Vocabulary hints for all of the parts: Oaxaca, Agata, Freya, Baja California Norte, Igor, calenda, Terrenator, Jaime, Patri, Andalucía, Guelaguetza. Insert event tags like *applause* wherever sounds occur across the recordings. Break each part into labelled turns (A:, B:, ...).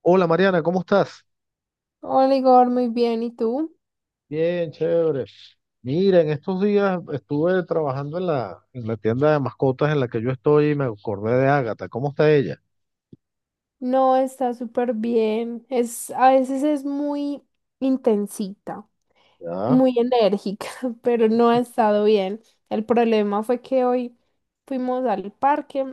A: Hola Mariana, ¿cómo estás?
B: Hola Igor, muy bien. ¿Y tú?
A: Bien, chévere. Mira, en estos días estuve trabajando en la tienda de mascotas en la que yo estoy y me acordé de Ágata. ¿Cómo está ella?
B: No, está súper bien. A veces es muy intensita,
A: Ya,
B: muy enérgica, *laughs* pero no ha estado bien. El problema fue que hoy fuimos al parque,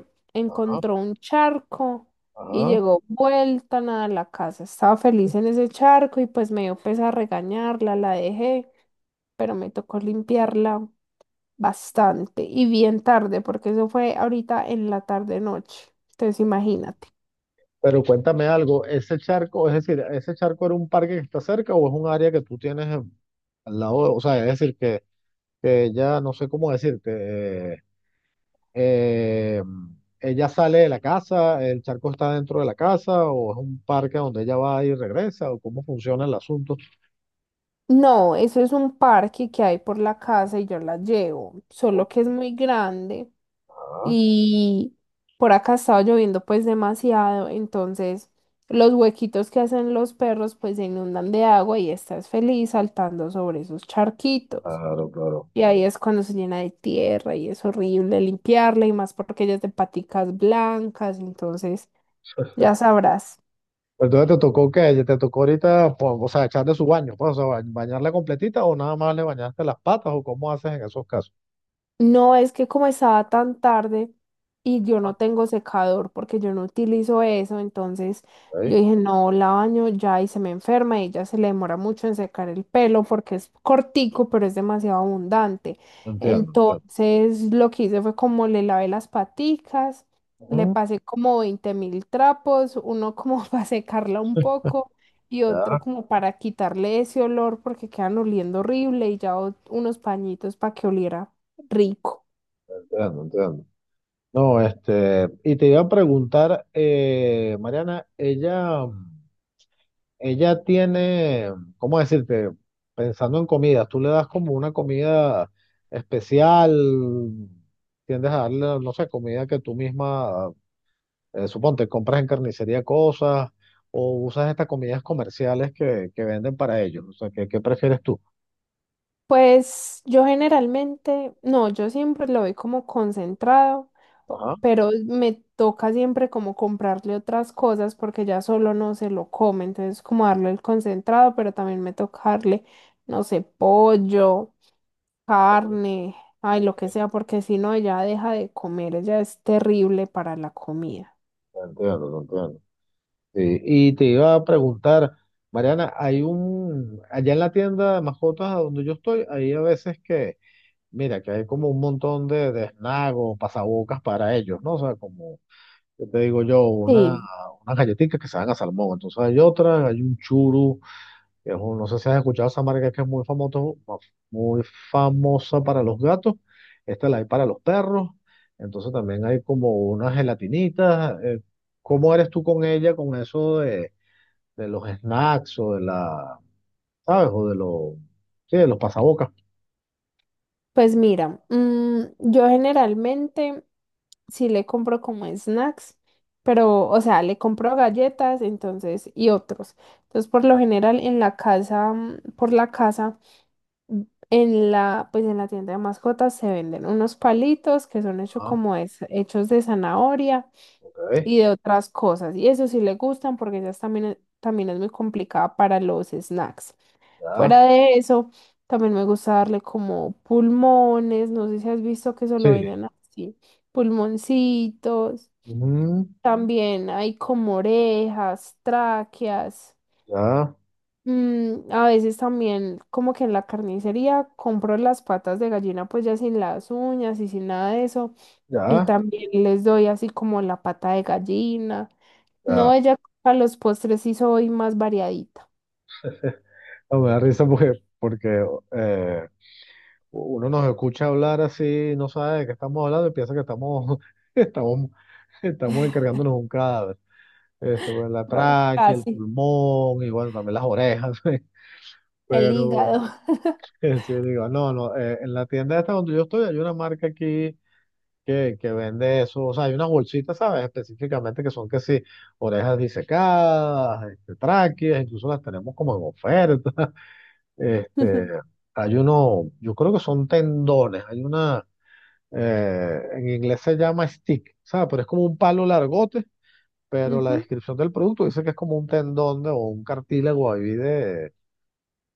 A: ajá,
B: encontró un charco y
A: ajá.
B: llegó vuelta nada a la casa. Estaba feliz en ese charco y pues me dio pesa regañarla, la dejé, pero me tocó limpiarla bastante y bien tarde, porque eso fue ahorita en la tarde-noche. Entonces, imagínate.
A: Pero cuéntame algo, ¿ese charco, es decir, ese charco era un parque que está cerca o es un área que tú tienes al lado? O sea, es decir, que ella, no sé cómo decirte, eh, eh, ella sale de la casa, ¿el charco está dentro de la casa o es un parque donde ella va y regresa o cómo funciona el asunto?
B: No, eso es un parque que hay por la casa y yo la llevo, solo que es muy grande
A: Ah,
B: y por acá estaba lloviendo pues demasiado, entonces los huequitos que hacen los perros pues se inundan de agua y estás feliz saltando sobre esos charquitos.
A: claro, claro.
B: Y ahí es cuando se llena de tierra y es horrible limpiarla y más porque ella es de paticas blancas, entonces ya sabrás.
A: Entonces te tocó ahorita, o sea, echarle su baño, pues, o sea, ¿bañarla completita o nada más le bañaste las patas, o cómo haces en esos casos?
B: No es que como estaba tan tarde y yo
A: Ah,
B: no tengo secador porque yo no utilizo eso, entonces yo
A: ahí,
B: dije, no, la baño ya y se me enferma y ya se le demora mucho en secar el pelo porque es cortico, pero es demasiado abundante.
A: entiendo, entiendo.
B: Entonces lo que hice fue como le lavé las paticas, le
A: Ujú,
B: pasé como 20.000 trapos, uno como *laughs* para secarla un poco y otro
A: ya,
B: como para quitarle ese olor porque quedan oliendo horrible y ya unos pañitos para que oliera rico.
A: entiendo, entiendo. No, este, y te iba a preguntar, Mariana, ella tiene, ¿cómo decirte? Pensando en comida, ¿tú le das como una comida especial, tiendes a darle, no sé, comida que tú misma, suponte, compras en carnicería cosas, o usas estas comidas comerciales que venden para ellos? O sea, ¿qué, qué prefieres tú?
B: Pues yo generalmente, no, yo siempre lo doy como concentrado,
A: Ajá.
B: pero me toca siempre como comprarle otras cosas porque ya solo no se lo come, entonces como darle el concentrado, pero también me toca darle, no sé, pollo, carne, ay,
A: Ok,
B: lo que sea, porque si no, ella deja de comer, ella es terrible para la comida.
A: te entiendo, te entiendo. Sí, y te iba a preguntar, Mariana, hay un, allá en la tienda de mascotas a donde yo estoy, hay a veces que, mira, que hay como un montón de snacks o pasabocas para ellos, ¿no? O sea, como, ¿qué te digo yo? Una,
B: Sí,
A: unas galletitas que se dan a salmón, entonces hay otras, hay un churu, no sé si has escuchado esa marca, que es muy famoso, muy famosa para los gatos. Esta la hay para los perros. Entonces también hay como unas gelatinitas. ¿Cómo eres tú con ella, con eso de los snacks o de la, ¿sabes? O de los, sí, de los pasabocas?
B: pues mira, yo generalmente, sí le compro como snacks, pero, o sea, le compro galletas, entonces, y otros. Entonces, por lo general, en la casa, por la casa, mm, en la, pues en la tienda de mascotas se venden unos palitos que son hechos
A: Ah,
B: hechos de zanahoria
A: ok,
B: y de otras cosas. Y eso sí le gustan porque ellas también, también es muy complicada para los snacks.
A: ya,
B: Fuera de eso, también me gusta darle como pulmones, no sé si has visto que eso lo
A: sí.
B: venden así, pulmoncitos.
A: Ujú,
B: También hay como orejas, tráqueas.
A: ya,
B: A veces también como que en la carnicería compro las patas de gallina pues ya sin las uñas y sin nada de eso. Y
A: ya,
B: también les doy así como la pata de gallina. No,
A: ya.
B: ella a los postres sí soy más variadita.
A: *laughs* No, me da risa porque, porque eh, uno nos escucha hablar así, no sabe de qué estamos hablando y piensa que estamos, *laughs* estamos, estamos encargándonos un cadáver. Este, pues, la
B: Pero
A: tráquea, el
B: casi.
A: pulmón y bueno, también las orejas. *laughs*
B: El
A: Pero
B: hígado.
A: este, digo, no, no, en la tienda esta donde yo estoy hay una marca aquí que vende eso. O sea, hay unas bolsitas, ¿sabes? Específicamente que son, que sí, orejas disecadas, este, tráqueas, incluso las tenemos como en oferta. *laughs* Este,
B: *laughs*
A: hay uno, yo creo que son tendones, hay una. En inglés se llama stick, ¿sabes? Pero es como un palo largote, pero la
B: Ujú.
A: descripción del producto dice que es como un tendón o un cartílago ahí de,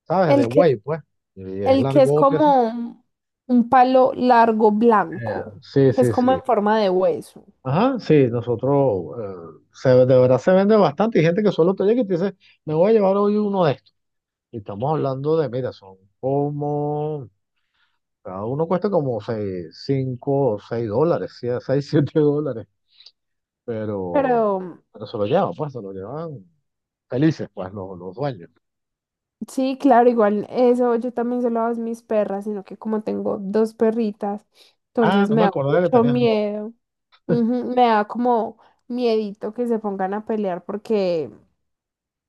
A: ¿sabes? De
B: El que,
A: buey, pues. Y es
B: el que es
A: largote así.
B: como un palo largo blanco,
A: Sí,
B: que es
A: sí, sí.
B: como en forma de hueso.
A: Ajá, sí, nosotros, se, de verdad se vende bastante, y gente que solo te llega y te dice, me voy a llevar hoy uno de estos. Y estamos hablando de, mira, son como, cada uno cuesta como seis, 5 o 6 dólares, sí, 6, 7 dólares, pero,
B: Pero
A: pero se lo llevan, pues, se lo llevan felices, pues, los dueños.
B: sí, claro, igual eso yo también se lo hago a mis perras, sino que como tengo dos perritas,
A: Ah,
B: entonces
A: no
B: me
A: me
B: da
A: acordaba que
B: mucho
A: tenías dos.
B: miedo. Ujú, me da como miedito que se pongan a pelear porque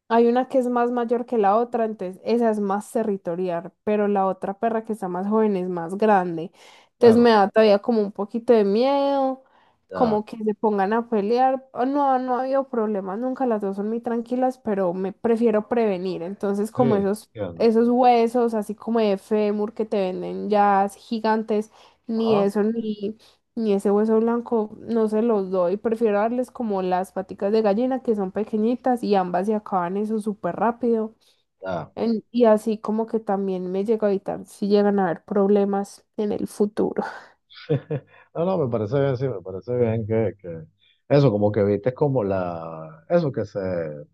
B: hay una que es más mayor que la otra, entonces esa es más territorial, pero la otra perra que está más joven es más grande. Entonces me
A: Claro,
B: da todavía como un poquito de miedo,
A: ya,
B: como que se pongan a pelear. Oh, no, no ha habido problemas nunca, las dos son muy tranquilas, pero me prefiero prevenir. Entonces como
A: sí,
B: esos,
A: entiendo.
B: esos huesos, así como de fémur que te venden ya gigantes, ni
A: Ajá,
B: eso, ni y ese hueso blanco no se los doy, prefiero darles como las paticas de gallina que son pequeñitas y ambas se acaban eso súper rápido.
A: ya.
B: Y así como que también me llega a evitar si llegan a haber problemas en el futuro.
A: *laughs* No, no, me parece bien, sí, me parece bien que eso, como que viste como la, eso,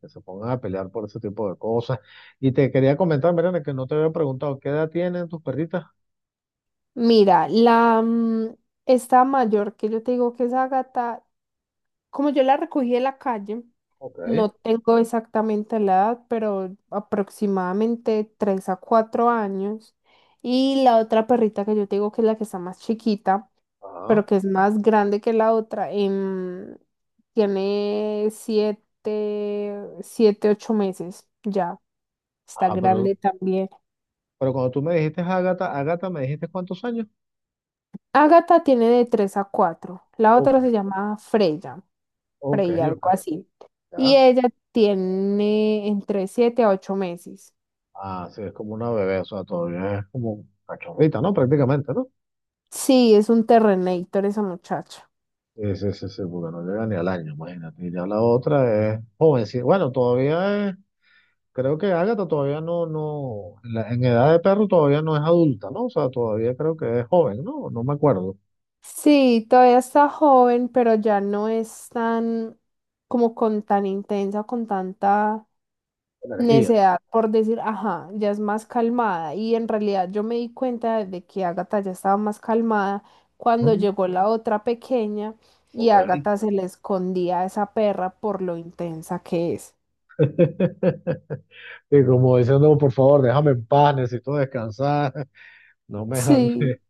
A: que se pongan a pelear por ese tipo de cosas. Y te quería comentar, Mariana, que no te había preguntado, ¿qué edad tienen tus perritas?
B: Mira, esta mayor que yo te digo que es Agata, como yo la recogí de la calle,
A: Ok,
B: no tengo exactamente la edad, pero aproximadamente 3 a 4 años. Y la otra perrita que yo te digo que es la que está más chiquita, pero
A: ajá,
B: que es más grande que la otra. Tiene 7, 7, 8 meses ya. Está
A: ajá,
B: grande también.
A: pero cuando tú me dijiste Ágata, Ágata, ¿me dijiste cuántos años?
B: Agatha tiene de 3 a 4. La
A: Ok,
B: otra se llama Freya,
A: ok,
B: Freya,
A: ok,
B: algo así. Y
A: ya.
B: ella tiene entre 7 a 8 meses.
A: Ah, sí, es como una bebé, o sea, todavía es como cachorrita, ¿no? Prácticamente, ¿no?
B: Sí, es un Terrenator esa muchacha.
A: Sí, sí, sí, sí, porque no llega ni al año, imagínate. Y ya la otra es jovencita. Bueno, todavía es, creo que Ágata todavía no, no, en, en edad de perro todavía no es adulta, ¿no? O sea, todavía creo que es joven, ¿no? No me acuerdo.
B: Sí, todavía está joven, pero ya no es tan, como con tan intensa, con tanta
A: Energía.
B: necedad por decir, ajá, ya es más calmada. Y en realidad yo me di cuenta de que Agatha ya estaba más calmada cuando
A: Ujú,
B: llegó la otra pequeña y
A: ok.
B: Agatha se le escondía a esa perra por lo intensa que es.
A: *laughs* Y como diciendo, por favor, déjame en paz, necesito descansar, *laughs* no
B: Sí,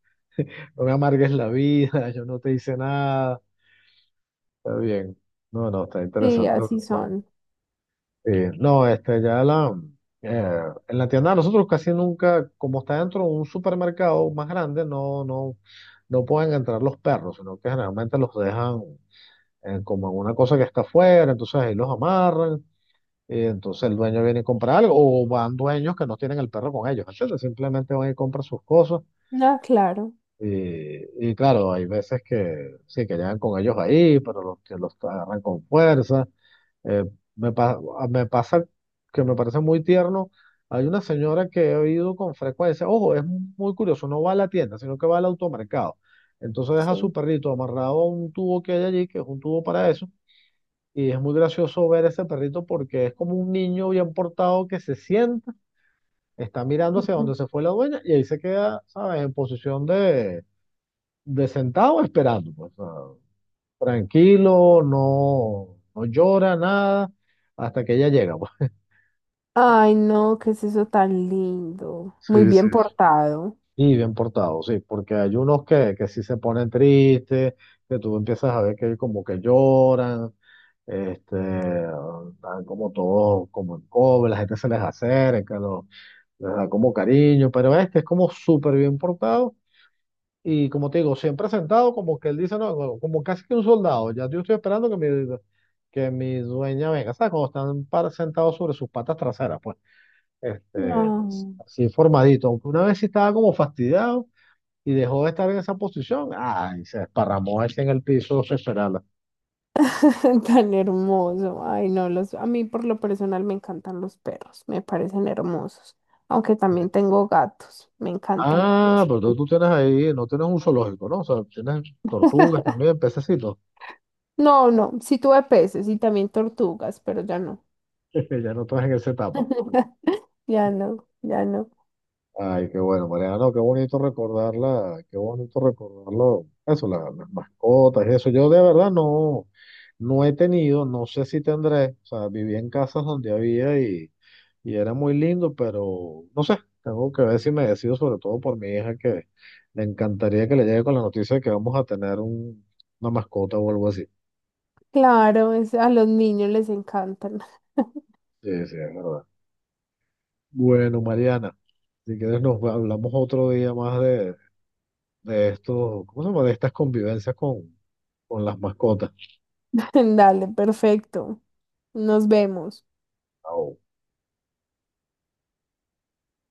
A: me amargues la vida, yo no te hice nada. Está bien. No, no, está
B: sí,
A: interesante lo que
B: así
A: cuenta.
B: son.
A: No, este, ya la, eh, en la tienda de nosotros casi nunca, como está dentro de un supermercado más grande, no, no, no pueden entrar los perros, sino que generalmente los dejan como en una cosa que está afuera, entonces ahí los amarran, y entonces el dueño viene y compra algo, o van dueños que no tienen el perro con ellos, entonces simplemente van y compran sus cosas.
B: Ah, claro,
A: Y claro, hay veces que sí, que llegan con ellos ahí, pero los que los agarran con fuerza. Eh, me pasa que me parece muy tierno. Hay una señora que he oído con frecuencia, ojo, es muy curioso, no va a la tienda, sino que va al automercado. Entonces deja a
B: sí.
A: su perrito amarrado a un tubo que hay allí, que es un tubo para eso, y es muy gracioso ver ese perrito porque es como un niño bien portado que se sienta, está mirando hacia donde
B: Ujú.
A: se fue la dueña y ahí se queda, ¿sabes?, en posición de sentado esperando, pues, ah, tranquilo, no, no llora nada hasta que ella llega, pues.
B: Ay, no, qué es eso tan lindo.
A: Sí,
B: Muy
A: sí.
B: bien portado.
A: Y bien portado, sí, porque hay unos que sí se ponen tristes, que tú empiezas a ver que como que lloran, este, están como todos como en cobre, la gente se les acerca, los, les da como cariño, pero este es como súper bien portado, y como te digo, siempre sentado, como que él dice, no, como como casi que un soldado, ya yo estoy esperando que mi dueña venga, ¿sabes? Cuando están sentados sobre sus patas traseras, pues este,
B: No.
A: así formadito, aunque una vez sí estaba como fastidiado y dejó de estar en esa posición, ay, se desparramó ese en el piso esperarla.
B: *laughs* Tan hermoso. Ay, no, los, a mí por lo personal me encantan los perros, me parecen hermosos. Aunque también tengo gatos, me encantan.
A: Ah,
B: Los.
A: pero tú tienes ahí, no tienes un zoológico, ¿no? O sea, tienes tortugas también,
B: *laughs*
A: pececitos. *laughs*
B: No, no, sí tuve peces y también tortugas, pero ya no.
A: Ya no estás en esa etapa.
B: *laughs* Ya no, ya no.
A: Ay, qué bueno, Mariano, qué bonito recordarla, qué bonito recordarlo. Eso, las mascotas y eso. Yo de verdad no, no he tenido, no sé si tendré. O sea, viví en casas donde había, y era muy lindo, pero no sé, tengo que ver si me decido sobre todo por mi hija, que le encantaría que le llegue con la noticia de que vamos a tener una mascota o algo así.
B: Claro, a los niños les encantan.
A: Sí, sí, es verdad. Bueno, Mariana, si quieres nos hablamos otro día más de estos, ¿cómo se llama? De estas convivencias con las mascotas.
B: *laughs* Dale, perfecto. Nos vemos.
A: Chao.